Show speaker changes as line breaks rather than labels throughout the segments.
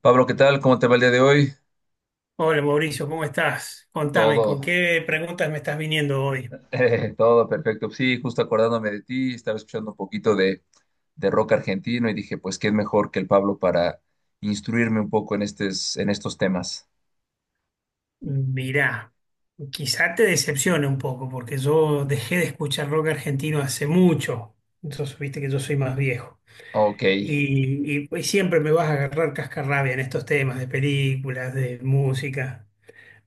Pablo, ¿qué tal? ¿Cómo te va el día de hoy?
Hola Mauricio, ¿cómo estás? Contame, ¿con
Todo,
qué preguntas me estás viniendo hoy?
todo perfecto. Sí, justo acordándome de ti, estaba escuchando un poquito de rock argentino y dije, pues, ¿quién mejor que el Pablo para instruirme un poco en estos temas?
Mirá, quizá te decepcione un poco porque yo dejé de escuchar rock argentino hace mucho. Entonces, viste que yo soy más viejo.
Ok,
Pues, siempre me vas a agarrar cascarrabia en estos temas de películas, de música,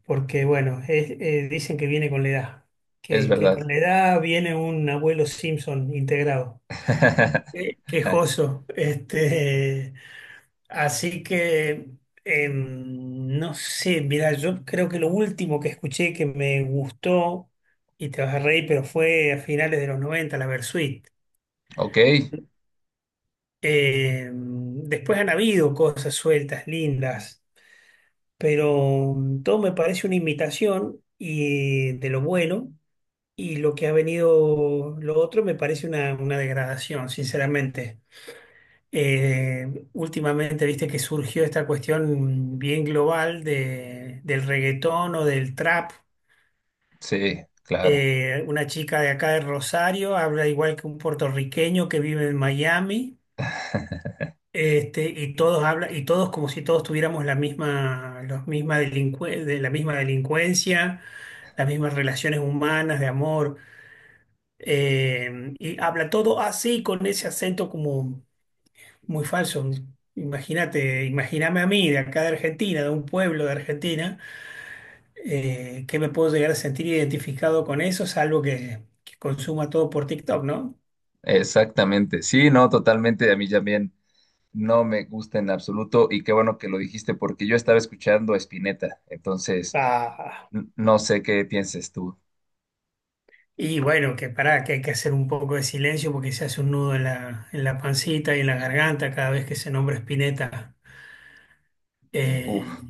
porque bueno, dicen que viene con la edad,
es
que con
verdad.
la edad viene un abuelo Simpson integrado. Quejoso, este. Así que, no sé, mira, yo creo que lo último que escuché que me gustó, y te vas a reír, pero fue a finales de los 90, la Versuit.
Ok,
Después han habido cosas sueltas, lindas, pero todo me parece una imitación y de lo bueno, y lo que ha venido lo otro me parece una degradación, sinceramente. Últimamente viste que surgió esta cuestión bien global del reggaetón o del trap.
sí, claro.
Una chica de acá de Rosario habla igual que un puertorriqueño que vive en Miami, este, y todos hablan, y todos como si todos tuviéramos la misma, los misma de la misma delincuencia, las mismas relaciones humanas de amor. Y habla todo así, con ese acento como muy falso. Imagínate, imagíname a mí de acá de Argentina, de un pueblo de Argentina, que me puedo llegar a sentir identificado con eso, salvo que consuma todo por TikTok, ¿no?
Exactamente, sí, no, totalmente, a mí también no me gusta en absoluto y qué bueno que lo dijiste porque yo estaba escuchando a Spinetta, entonces
Ah,
no sé qué pienses tú.
y bueno, que pará, que hay que hacer un poco de silencio porque se hace un nudo en en la pancita y en la garganta cada vez que se nombra Spinetta. Eh,
Uf.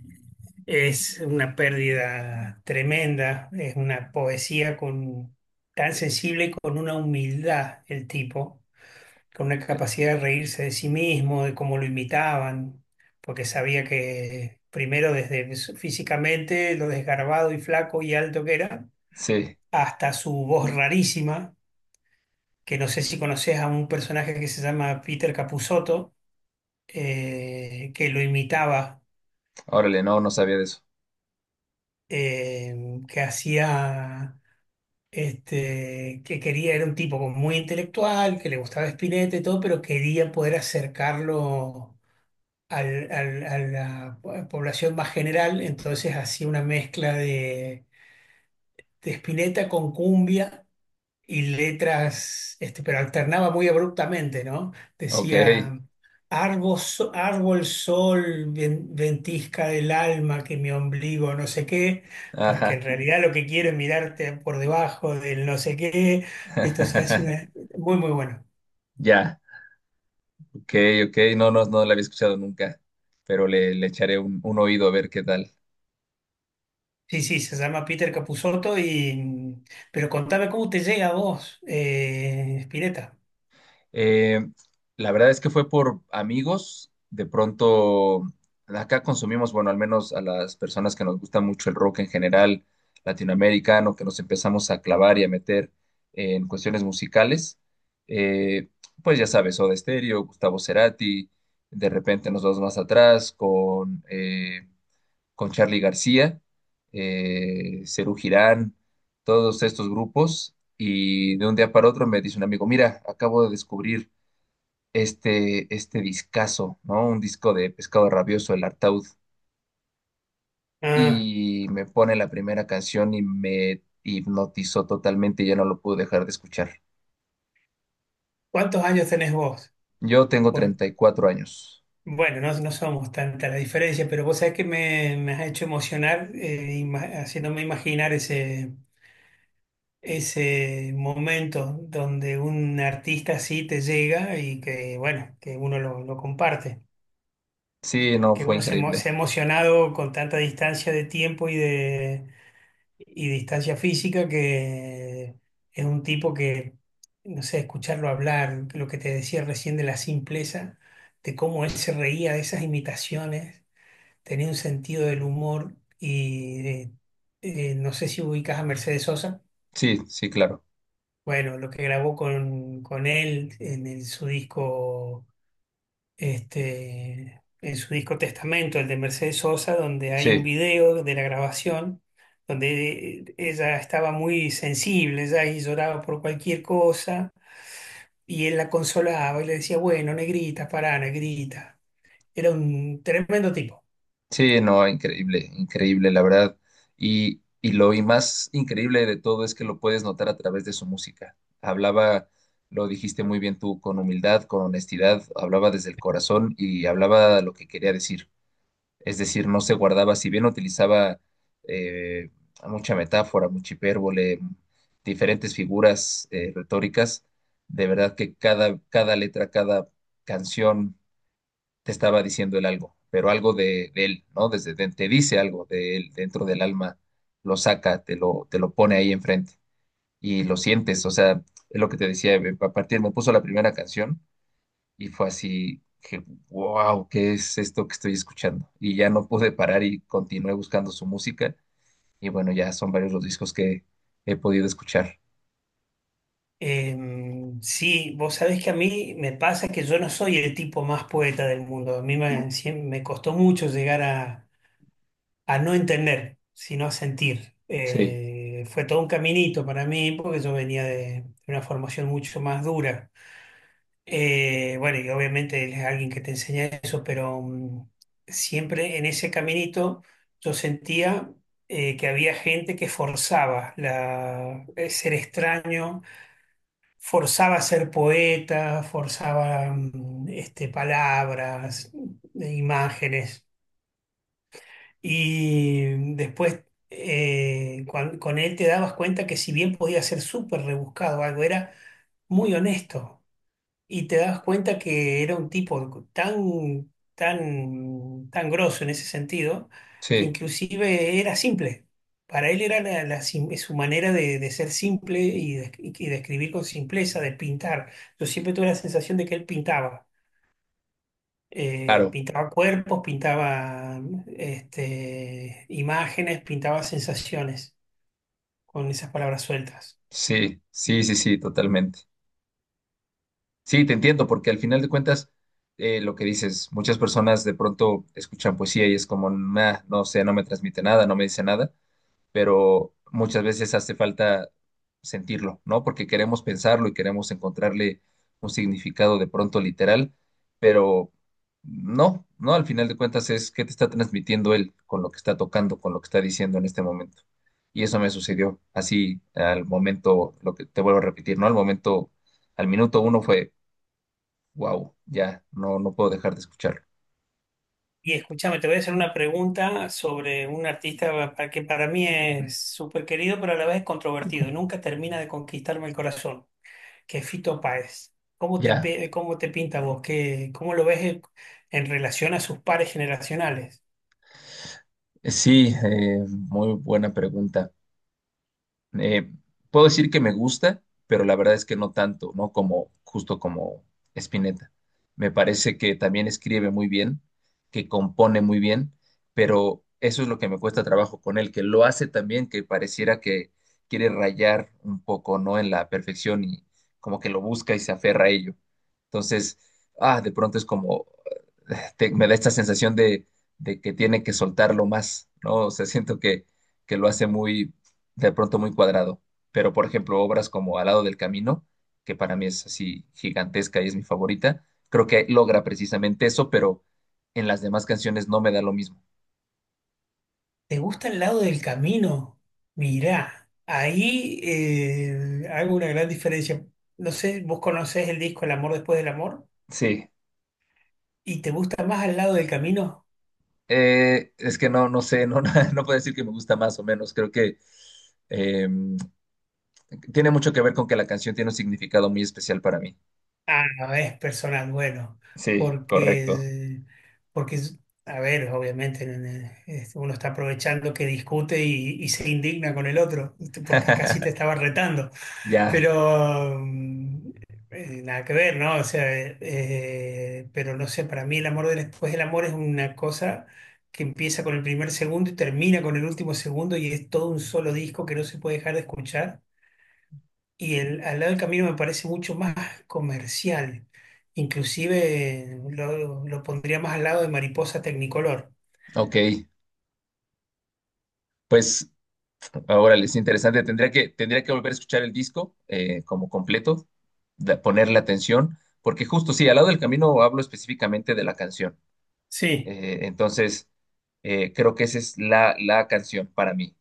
es una pérdida tremenda, es una poesía con, tan sensible y con una humildad el tipo con una capacidad de reírse de sí mismo, de cómo lo imitaban, porque sabía que primero desde físicamente lo desgarbado y flaco y alto que era,
Sí,
hasta su voz rarísima, que no sé si conoces a un personaje que se llama Peter Capusotto, que lo imitaba,
órale, no, no sabía de eso.
que hacía... Este, que quería, era un tipo como muy intelectual, que le gustaba Spinetta y todo, pero quería poder acercarlo a la población más general, entonces hacía una mezcla de Spinetta con cumbia y letras, este, pero alternaba muy abruptamente, ¿no?
Ok,
Decía, árbol, árbol, sol, ventisca del alma, que mi ombligo no sé qué, porque en
ajá.
realidad lo que quiero es mirarte por debajo del no sé qué, esto se hace una- muy, muy bueno.
Ya, ok, ok, no, no, no la había escuchado nunca, pero le echaré un oído a ver qué tal.
Sí, sí, se llama Peter Capusotto y... Pero contame cómo te llega a vos, Spinetta.
Eh, la verdad es que fue por amigos. De pronto, acá consumimos, bueno, al menos a las personas que nos gusta mucho el rock en general, latinoamericano, que nos empezamos a clavar y a meter en cuestiones musicales. Eh, pues ya sabes, Soda Stereo, Gustavo Cerati, de repente nos vamos más atrás con Charly García, Serú Girán, todos estos grupos. Y de un día para otro me dice un amigo, mira, acabo de descubrir este discazo, ¿no? Un disco de Pescado Rabioso, El Artaud,
Ah,
y me pone la primera canción y me hipnotizó totalmente y ya no lo pude dejar de escuchar.
¿cuántos años tenés vos?
Yo tengo
Por-
34 años.
Bueno, no, no somos tanta la diferencia, pero vos sabés que me has hecho emocionar haciéndome imaginar ese, ese momento donde un artista así te llega y que, bueno, que uno lo comparte,
Sí, no,
que
fue
uno
increíble.
se ha emocionado con tanta distancia de tiempo y de y distancia física, que es un tipo que, no sé, escucharlo hablar, lo que te decía recién de la simpleza, de cómo él se reía de esas imitaciones, tenía un sentido del humor y no sé si ubicas a Mercedes Sosa,
Sí, sí, claro.
bueno, lo que grabó con él en su disco este, en su disco Testamento, el de Mercedes Sosa, donde hay un
Sí.
video de la grabación, donde ella estaba muy sensible, ella y lloraba por cualquier cosa, y él la consolaba y le decía, bueno, negrita, pará, negrita. Era un tremendo tipo.
Sí, no, increíble, increíble, la verdad. Y más increíble de todo es que lo puedes notar a través de su música. Hablaba, lo dijiste muy bien tú, con humildad, con honestidad, hablaba desde el corazón y hablaba lo que quería decir. Es decir, no se guardaba, si bien utilizaba eh, mucha metáfora, mucha hipérbole, diferentes figuras retóricas, de verdad que cada letra, cada canción te estaba diciendo el algo, pero algo de él, ¿no? Te dice algo de él dentro del alma, lo saca, te lo pone ahí enfrente y lo sientes, o sea, es lo que te decía, a partir me puso la primera canción y fue así que, wow, ¿qué es esto que estoy escuchando? Y ya no pude parar y continué buscando su música y bueno, ya son varios los discos que he podido escuchar.
Eh, sí, vos sabés que a mí me pasa que yo no soy el tipo más poeta del mundo. A mí me costó mucho llegar a no entender, sino a sentir.
Sí.
Fue todo un caminito para mí porque yo venía de una formación mucho más dura. Bueno, y obviamente él es alguien que te enseña eso, pero siempre en ese caminito yo sentía que había gente que forzaba ser extraño, forzaba ser poeta, forzaba este, palabras, imágenes. Y después con él te dabas cuenta que si bien podía ser súper rebuscado algo, era muy honesto. Y te dabas cuenta que era un tipo tan, tan, tan grosso en ese sentido, que
Sí,
inclusive era simple. Para él era su manera de ser simple y de escribir con simpleza, de pintar. Yo siempre tuve la sensación de que él pintaba
claro,
pintaba cuerpos, pintaba este, imágenes, pintaba sensaciones con esas palabras sueltas.
sí, sí, sí, sí, totalmente. Sí, te entiendo, porque al final de cuentas, lo que dices, muchas personas de pronto escuchan poesía y es como, "Nah, no sé, no me transmite nada, no me dice nada, pero muchas veces hace falta sentirlo, ¿no? Porque queremos pensarlo y queremos encontrarle un significado de pronto literal, pero no, no, al final de cuentas es qué te está transmitiendo él con lo que está tocando, con lo que está diciendo en este momento. Y eso me sucedió así al momento, lo que te vuelvo a repetir, ¿no? Al momento, al minuto uno fue wow, ya, no, no puedo dejar de escucharlo.
Y escúchame, te voy a hacer una pregunta sobre un artista que para mí es súper querido, pero a la vez controvertido. Nunca termina de conquistarme el corazón, que es Fito Páez. ¿Cómo
Ya,
cómo te pinta vos? ¿Qué, cómo lo ves en relación a sus pares generacionales?
sí, muy buena pregunta. Eh, Puedo decir que me gusta, pero la verdad es que no tanto, ¿no? Como, justo como Spinetta. Me parece que también escribe muy bien, que compone muy bien, pero eso es lo que me cuesta trabajo con él, que lo hace también, que pareciera que quiere rayar un poco, ¿no? En la perfección y como que lo busca y se aferra a ello. Entonces, ah, de pronto es como, me da esta sensación de que tiene que soltarlo más, ¿no? O sea, siento que, lo hace muy de pronto muy cuadrado, pero por ejemplo, obras como Al lado del camino, que para mí es así gigantesca y es mi favorita, creo que logra precisamente eso, pero en las demás canciones no me da lo mismo.
¿Te gusta el lado del camino? Mirá, ahí hago una gran diferencia. No sé, vos conocés el disco El amor después del amor
Sí,
y te gusta más al lado del camino.
es que no, no sé, no, no puedo decir que me gusta más o menos, creo que eh, tiene mucho que ver con que la canción tiene un significado muy especial para mí.
Ah, no, es personal, bueno,
Sí, correcto.
porque, porque, a ver, obviamente este, uno está aprovechando que discute y se indigna con el otro, este, porque casi te estaba retando,
Ya,
pero nada que ver, ¿no? O sea, pero no sé, para mí el amor después del amor es una cosa que empieza con el primer segundo y termina con el último segundo y es todo un solo disco que no se puede dejar de escuchar y al lado del camino me parece mucho más comercial. Inclusive lo pondría más al lado de Mariposa Tecnicolor.
ok. Pues ahora es interesante. Tendría que volver a escuchar el disco como completo, da- ponerle atención, porque justo sí, al lado del camino hablo específicamente de la canción.
Sí,
Entonces, creo que esa es la canción para mí.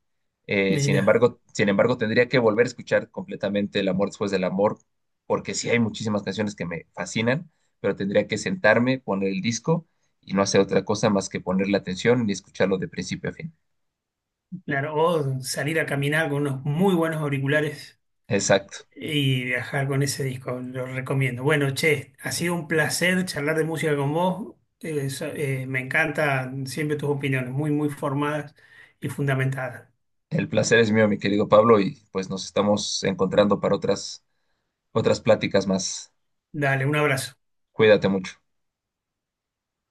Eh, sin
mira,
embargo, sin embargo, tendría que volver a escuchar completamente El amor después del amor, porque sí hay muchísimas canciones que me fascinan, pero tendría que sentarme, poner el disco y no hacer otra cosa más que ponerle atención y escucharlo de principio a fin.
claro, o salir a caminar con unos muy buenos auriculares
Exacto.
y viajar con ese disco, lo recomiendo. Bueno, che, ha sido un placer charlar de música con vos. Me encantan siempre tus opiniones, muy, muy formadas y fundamentadas.
El placer es mío, mi querido Pablo, y pues nos estamos encontrando para otras pláticas más.
Dale, un abrazo.
Cuídate mucho.